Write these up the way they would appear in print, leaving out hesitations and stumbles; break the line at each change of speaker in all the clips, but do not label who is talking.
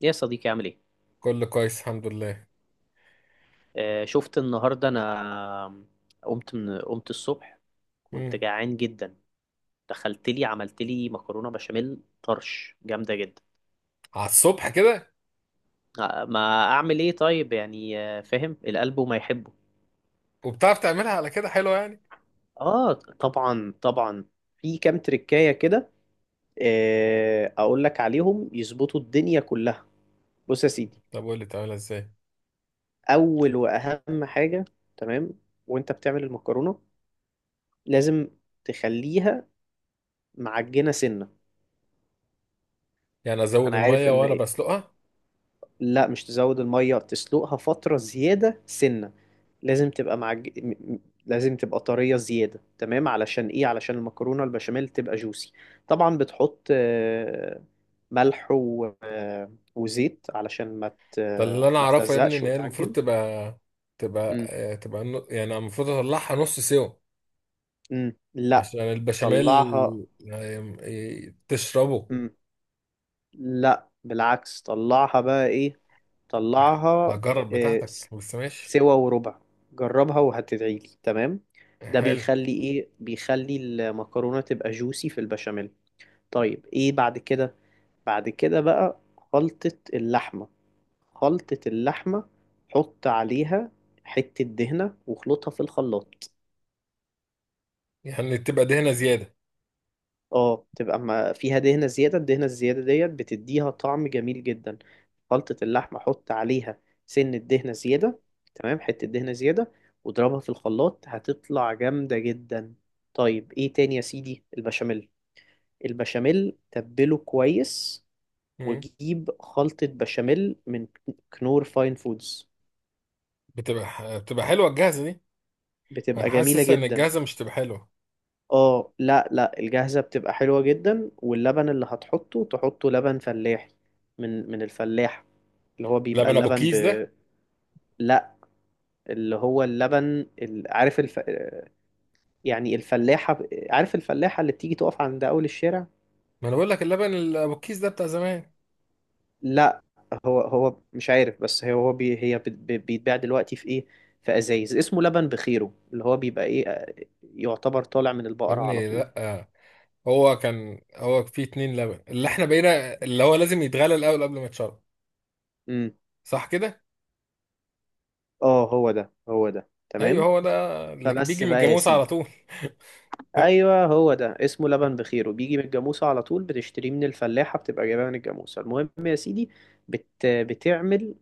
يا صديقي، عامل ايه؟
كله كويس، الحمد لله.
آه، شفت النهارده انا قمت الصبح، كنت
امم
جعان جدا. دخلت لي عملت لي مكرونه بشاميل طرش جامده جدا.
على الصبح كده؟
ما اعمل ايه طيب، يعني فاهم القلب وما يحبه.
وبتعرف تعملها على كده حلوه يعني؟
اه، طبعا طبعا، في كام تريكايه كده. آه، اقول لك عليهم، يظبطوا الدنيا كلها. بص يا سيدي،
طب قول لي تعملها ازاي؟
اول واهم حاجه، تمام، وانت بتعمل المكرونه لازم تخليها معجنه سنه.
يعني ازود
انا عارف
الميه وانا
ان،
بسلقها؟
لا، مش تزود الميه، تسلقها فتره زياده سنه. لازم تبقى معج... م- م- لازم تبقى طريه زياده، تمام. علشان ايه؟ علشان المكرونه البشاميل تبقى جوسي. طبعا بتحط ملح و وزيت علشان
ده اللي انا
ما
اعرفه يا ابني،
تلزقش
ان هي المفروض
وتعجن.
تبقى،
مم.
يعني المفروض اطلعها نص سوا
مم. لا،
عشان البشاميل.
طلعها.
يعني تشربه.
مم. لا بالعكس، طلعها بقى ايه، طلعها
هجرب
آه،
بتاعتك،
س-
بس ماشي.
سوا وربع، جربها وهتدعيلي، تمام. ده
حلو.
بيخلي ايه؟ بيخلي المكرونة تبقى جوسي في البشاميل. طيب ايه بعد كده؟ بعد كده بقى خلطة اللحمة، خلطة اللحمة حط عليها حتة دهنة واخلطها في الخلاط.
يعني تبقى دهنه زياده؟
اه بتبقى ما فيها دهنة زيادة، الدهنة الزيادة ديت بتديها طعم جميل جدا. خلطة اللحمة حط عليها سن الدهنة زيادة، تمام، حتة دهنة زيادة واضربها في الخلاط، هتطلع جامدة جدا. طيب ايه تاني يا سيدي؟ البشاميل. البشاميل تبله كويس
امم
وجيب خلطة بشاميل من كنور فاين فودز،
بتبقى حلوه الجاهزه دي؟
بتبقى
انا
جميلة
حاسس ان
جدا.
الجاهزه مش تبقى حلوه.
اه لا لا، الجاهزة بتبقى حلوة جدا. واللبن اللي هتحطه تحطه لبن فلاحي، من الفلاح، اللي هو بيبقى
لبن ابو
اللبن ب،
كيس ده؟
لا، اللي هو اللبن، ال- عارف الف... يعني الفلاحة، عارف الفلاحة اللي بتيجي تقف عند أول الشارع.
ما انا بقول لك، اللبن ابو الكيس ده بتاع زمان.
لا، هو مش عارف، بس هي هو بي... هي بت- بي- بيتباع دلوقتي في إيه؟ في أزايز، اسمه لبن بخيره، اللي هو بيبقى إيه، يعتبر طالع من
يا
البقرة على
ابني
طول.
لا. هو فيه اتنين لبن اللي احنا بقينا، اللي هو لازم يتغلى الاول قبل ما يتشرب.
امم.
صح كده؟
اه هو ده
ايوه
تمام.
هو ده. اللي
فبس
بيجي من
بقى يا
الجاموسه على
سيدي.
طول. أهو.
ايوه هو ده، اسمه لبن بخير، بيجي من الجاموسه على طول، بتشتريه من الفلاحه، بتبقى جايبها من الجاموسه. المهم يا سيدي، بتعمل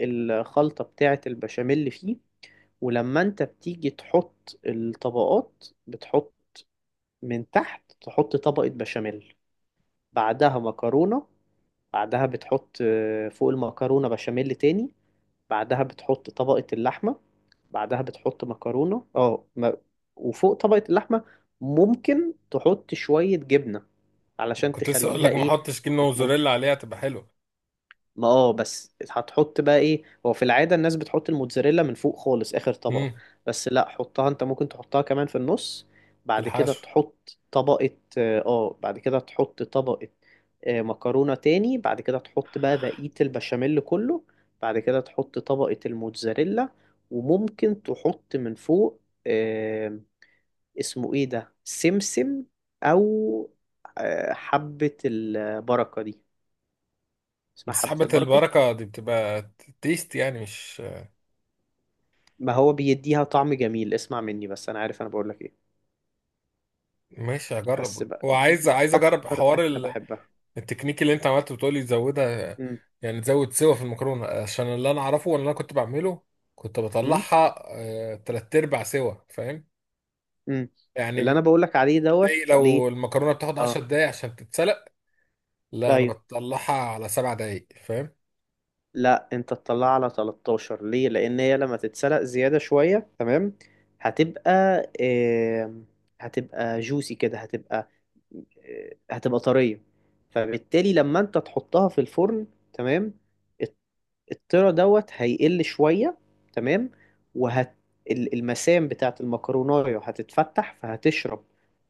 الخلطه بتاعه البشاميل اللي فيه، ولما انت بتيجي تحط الطبقات بتحط من تحت، تحط طبقه بشاميل، بعدها مكرونه، بعدها بتحط، فوق المكرونه بشاميل تاني، بعدها بتحط طبقة اللحمة، بعدها بتحط مكرونة اه م- وفوق طبقة اللحمة ممكن تحط شوية جبنة علشان
كنت لسه اقول
تخليها
لك، ما
ايه.
احطش جبنه موزاريلا
بتمط،
عليها تبقى حلوه.
ما اه بس هتحط بقى ايه، هو في العادة الناس بتحط الموتزاريلا من فوق خالص اخر طبقة.
امم
بس لا، حطها انت ممكن تحطها كمان في النص.
في
بعد كده
الحشو.
تحط طبقة، اه، بعد كده تحط طبقة، مكرونة تاني، بعد كده تحط بقى بقية البشاميل كله، بعد كده تحط طبقة الموتزاريلا، وممكن تحط من فوق، آه، اسمه ايه ده، سمسم، او حبة البركة دي، اسمها
بس
حبة
حبة
البركة.
البركة دي بتبقى تيست يعني، مش...
ما هو بيديها طعم جميل، اسمع مني بس، انا عارف انا بقول لك ايه.
ماشي،
بس
هجرب.
بقى،
وعايز،
دي
عايز اجرب
اكتر
حوار.
اكله بحبها.
التكنيك اللي انت عملته بتقولي تزودها؟
امم.
يعني تزود سوا في المكرونه؟ عشان اللي انا اعرفه واللي انا كنت بعمله، كنت
امم.
بطلعها تلات ارباع سوا، فاهم.
امم. اللي انا
يعني
بقول لك عليه
زي
دوت
لو
ليه.
المكرونه بتاخد
اه.
10 دقايق عشان تتسلق، لا انا
ايوه.
بطلعها على 7 دقايق، فاهم.
لا انت تطلع على 13 ليه، لان هي لما تتسلق زياده شويه تمام، هتبقى آه... هتبقى جوسي كده، هتبقى هتبقى طريه. فبالتالي لما انت تحطها في الفرن، تمام، الترا دوت هيقل شوية، تمام، وهت، المسام بتاعت المكروناية هتتفتح فهتشرب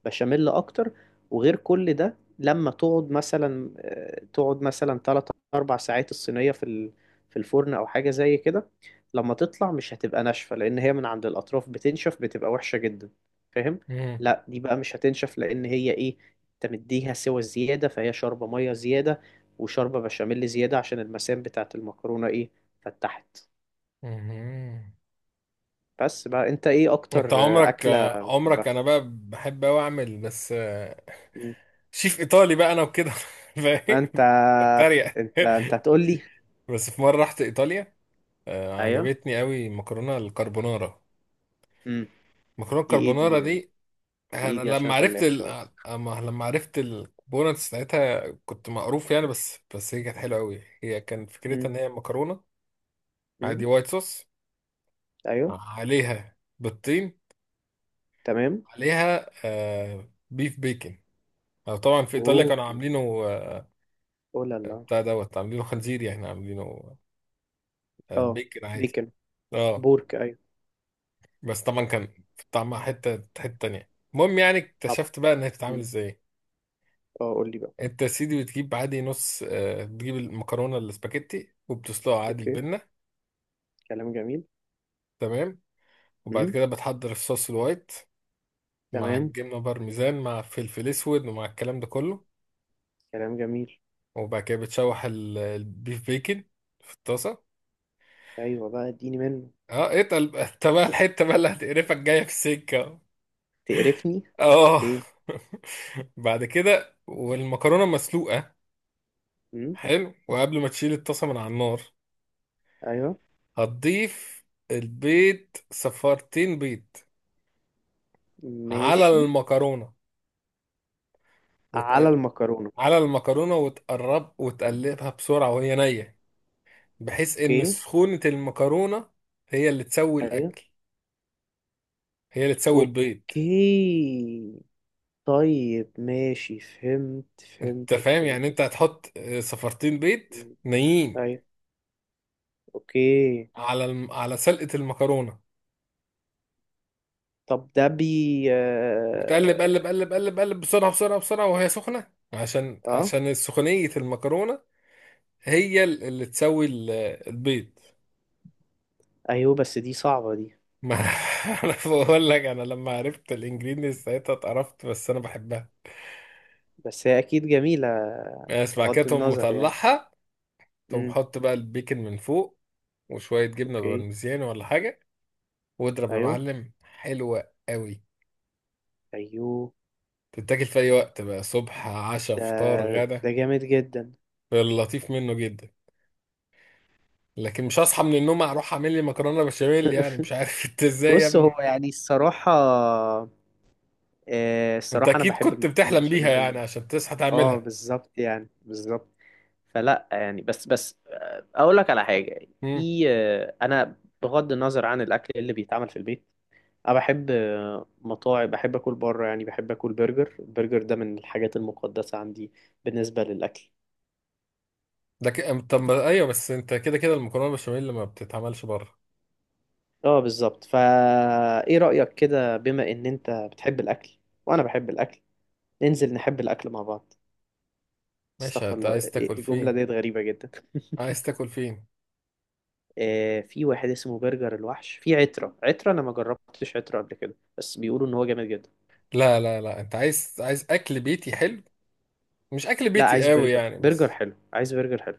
بشاميل أكتر. وغير كل ده، لما تقعد مثلا، تقعد مثلا 3 أربع ساعات، الصينية في في الفرن أو حاجة زي كده، لما تطلع مش هتبقى ناشفة، لأن هي من عند الأطراف بتنشف بتبقى وحشة جدا. فاهم؟
مم.
لا دي بقى مش هتنشف، لأن هي إيه؟ أنت مديها سوى زيادة، فهي شاربة مية زيادة وشوربة بشاميل زيادة، عشان المسام بتاعة المكرونة ايه، فتحت.
مهم.
بس بقى، انت ايه
انت
اكتر
عمرك
أكلة
آه، عمرك
بتحبها؟
انا بقى بحب اوي اعمل، بس
مم.
شيف ايطالي بقى انا وكده. فاهم؟
انت
بتريق.
انت هتقول لي.
بس في مره رحت ايطاليا،
ايوه.
عجبتني قوي مكرونه الكربونارا.
مم.
مكرونه
دي ايه دي
الكربونارا
دي،
دي، انا
ايه دي عشان
لما عرفت
فلاح شوية.
أما- لما عرفت الكومبوننتس بتاعتها، كنت مقروف يعني، بس هي كانت حلوه قوي. هي كان فكرتها
مم.
ان هي مكرونه
مم.
عادي، وايت صوص،
ايوه.
عليها بيضتين،
تمام.
عليها بيف بيكن. طبعا في ايطاليا
اوه.
كانوا عاملينه، آه،
اوه لا لا.
بتاع دوت عاملينه خنزير، يعني عاملينه
اه.
بيكن عادي.
بيكن.
اه.
بورك، ايوه.
بس طبعا كان طعمها حته حته تانيه. المهم، يعني
طبعا.
اكتشفت بقى انها بتتعمل
مم.
ازاي.
اه قول لي بقى.
انت يا سيدي بتجيب المكرونه الاسباجيتي وبتسلقها عادي،
اوكي،
البنه.
كلام جميل.
تمام. وبعد
مم.
كده بتحضر الصوص الوايت مع
تمام.
الجبنه بارميزان مع فلفل اسود، ومع الكلام ده كله.
كلام جميل.
وبعد كده بتشوح البيف بيكن في الطاسه.
ايوه بقى اديني منه.
اه، اتقل بقى. انت بقى الحته بقى اللي هتقرفك جايه في السكه.
تقرفني
اه.
ليه؟
بعد كده والمكرونه مسلوقه،
مم.
حلو، وقبل ما تشيل الطاسه من على النار،
ايوه.
هتضيف البيض، صفارتين بيض، على
ماشي.
المكرونة، وت...
على المكرونة.
على المكرونة، وتقرب وتقلبها بسرعة وهي نية، بحيث إن
اوكي.
سخونة المكرونة هي اللي تسوي
ايوه.
الأكل، هي اللي تسوي البيض.
اوكي. طيب ماشي،
أنت فاهم؟ يعني أنت هتحط صفارتين بيض
فهمت.
نيين
ايوه. اوكي.
على على سلقة المكرونة،
طب ده بي.
وتقلب،
اه.
قلب قلب قلب قلب، بسرعة بسرعة بسرعة، وهي سخنة، عشان
آه،
عشان سخونية المكرونة هي اللي تسوي البيض.
ايوه. بس دي صعبة دي.
ما انا بقول لك، انا لما عرفت الانجريدينتس ساعتها اتقرفت، بس انا بحبها.
بس هي اكيد جميلة،
بس بعد كده
بغض
تقوم
النظر يعني.
مطلعها، تقوم
امم.
حط بقى البيكن من فوق، وشويه جبنه
اوكي.
بارميزيان ولا حاجه، واضرب يا
ايوه.
معلم. حلوه قوي.
ايوه.
تتاكل في اي وقت بقى، صبح، عشاء،
ده
فطار، غدا.
ده جامد جدا.
اللطيف منه جدا، لكن مش هصحى من النوم اروح اعمل لي مكرونه بشاميل، يعني مش عارف انت ازاي يا
بص، هو
ابني.
يعني الصراحة،
انت
الصراحة أنا
اكيد
بحب
كنت
المكرونة
بتحلم بيها
بشاميل.
يعني عشان تصحى
اه
تعملها.
بالظبط يعني، بالظبط. فلا يعني، بس اقول لك على حاجه.
مم.
في انا بغض النظر عن الاكل اللي بيتعمل في البيت، انا بحب مطاعم، بحب اكل بره يعني، بحب اكل برجر. البرجر ده من الحاجات المقدسه عندي بالنسبه للاكل.
طب ما- ايوه، بس انت كده كده المكرونه البشاميل ما بتتعملش بره.
اه بالظبط فا، ايه رايك كده؟ بما ان انت بتحب الاكل وانا بحب الاكل، ننزل نحب الاكل مع بعض.
ماشي،
استغفر
انت
الله،
عايز
إيه
تاكل
الجمله
فين؟
ديت غريبه جدا.
عايز تاكل فين؟
في واحد اسمه برجر الوحش في عترة، انا ما جربتش عترة قبل كده بس بيقولوا ان هو جامد جدا.
لا لا لا، انت عايز اكل بيتي حلو، مش اكل
لا عايز
بيتي قوي
برجر،
يعني،
برجر
بس.
حلو عايز برجر حلو.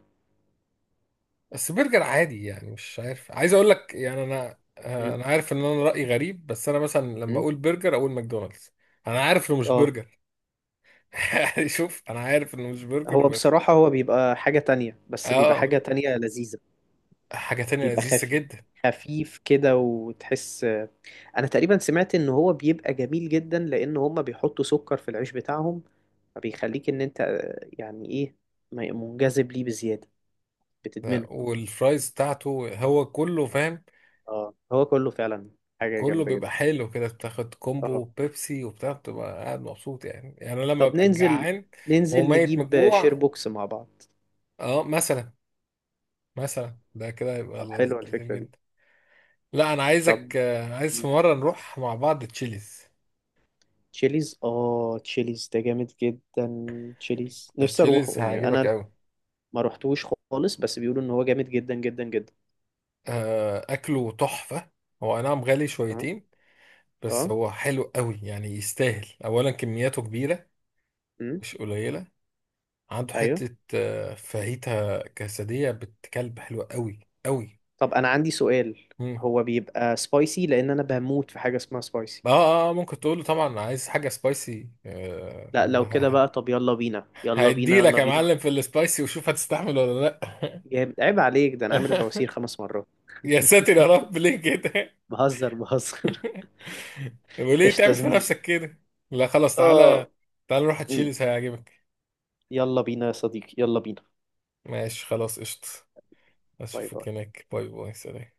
بس برجر عادي يعني، مش عارف، عايز اقول لك، يعني انا
م-
انا عارف ان انا رايي غريب، بس انا مثلا لما
م.
اقول برجر اقول ماكدونالدز. انا عارف انه مش
اه
برجر. يعني شوف، انا عارف انه مش برجر،
هو
بس.
بصراحة هو بيبقى حاجة تانية، بس بيبقى
اه.
حاجة تانية لذيذة.
حاجه تانية
بيبقى
لذيذه
خفيف،
جدا.
خفيف كده، وتحس. انا تقريبا سمعت ان هو بيبقى جميل جدا لان هما بيحطوا سكر في العيش بتاعهم، فبيخليك ان انت يعني ايه، منجذب ليه بزيادة، بتدمنه.
لا، والفرايز بتاعته، هو كله، فاهم.
اه هو كله فعلا حاجة
كله
جامدة
بيبقى
جدا.
حلو كده، بتاخد كومبو
اه،
وبيبسي وبتاع، بتبقى قاعد مبسوط، يعني أنا لما
طب
ببقى
ننزل،
جعان وهو
ننزل
ميت من
نجيب شير
الجوع.
بوكس مع بعض.
اه، مثلا، مثلا ده كده هيبقى
طب
لطيف
حلوة الفكرة دي.
جدا. لا انا
طب
عايز في مره نروح مع بعض تشيليز.
تشيليز، اه تشيليز ده جامد جدا، تشيليز نفسي اروحه
تشيليز
يعني،
هيعجبك
انا
قوي.
ما روحتوش خالص، بس بيقولوا ان هو جامد جدا جدا جدا.
اكله تحفه. هو أي نعم غالي
اه.
شويتين، بس
اه.
هو حلو قوي يعني يستاهل، اولا كمياته كبيره،
امم.
مش قليله. عنده
ايوه.
حته فاهيتا كاسديه بتكلب حلوه قوي قوي.
طب انا عندي سؤال، هو بيبقى سبايسي؟ لان انا بموت في حاجة اسمها سبايسي.
اه اه، ممكن تقول له طبعا عايز حاجه سبايسي،
لا لو كده بقى، طب يلا بينا، يلا
هيدي
بينا،
لك
يلا
يا
بينا.
معلم في السبايسي، وشوف هتستحمل ولا لا.
جامد، عيب عليك، ده انا عامل بواسير خمس مرات.
يا ساتر يا رب، ليه كده.
بهزر بهزر.
وليه
قشطة يا
تعمل في
زميلي.
نفسك كده. لا خلاص، تعالى،
اه.
تعالى نروح
مم.
تشيلس هيعجبك.
يلا بينا يا صديقي، يلا بينا.
ماشي، خلاص، قشطة.
باي
اشوفك
باي.
هناك. باي باي، سلام.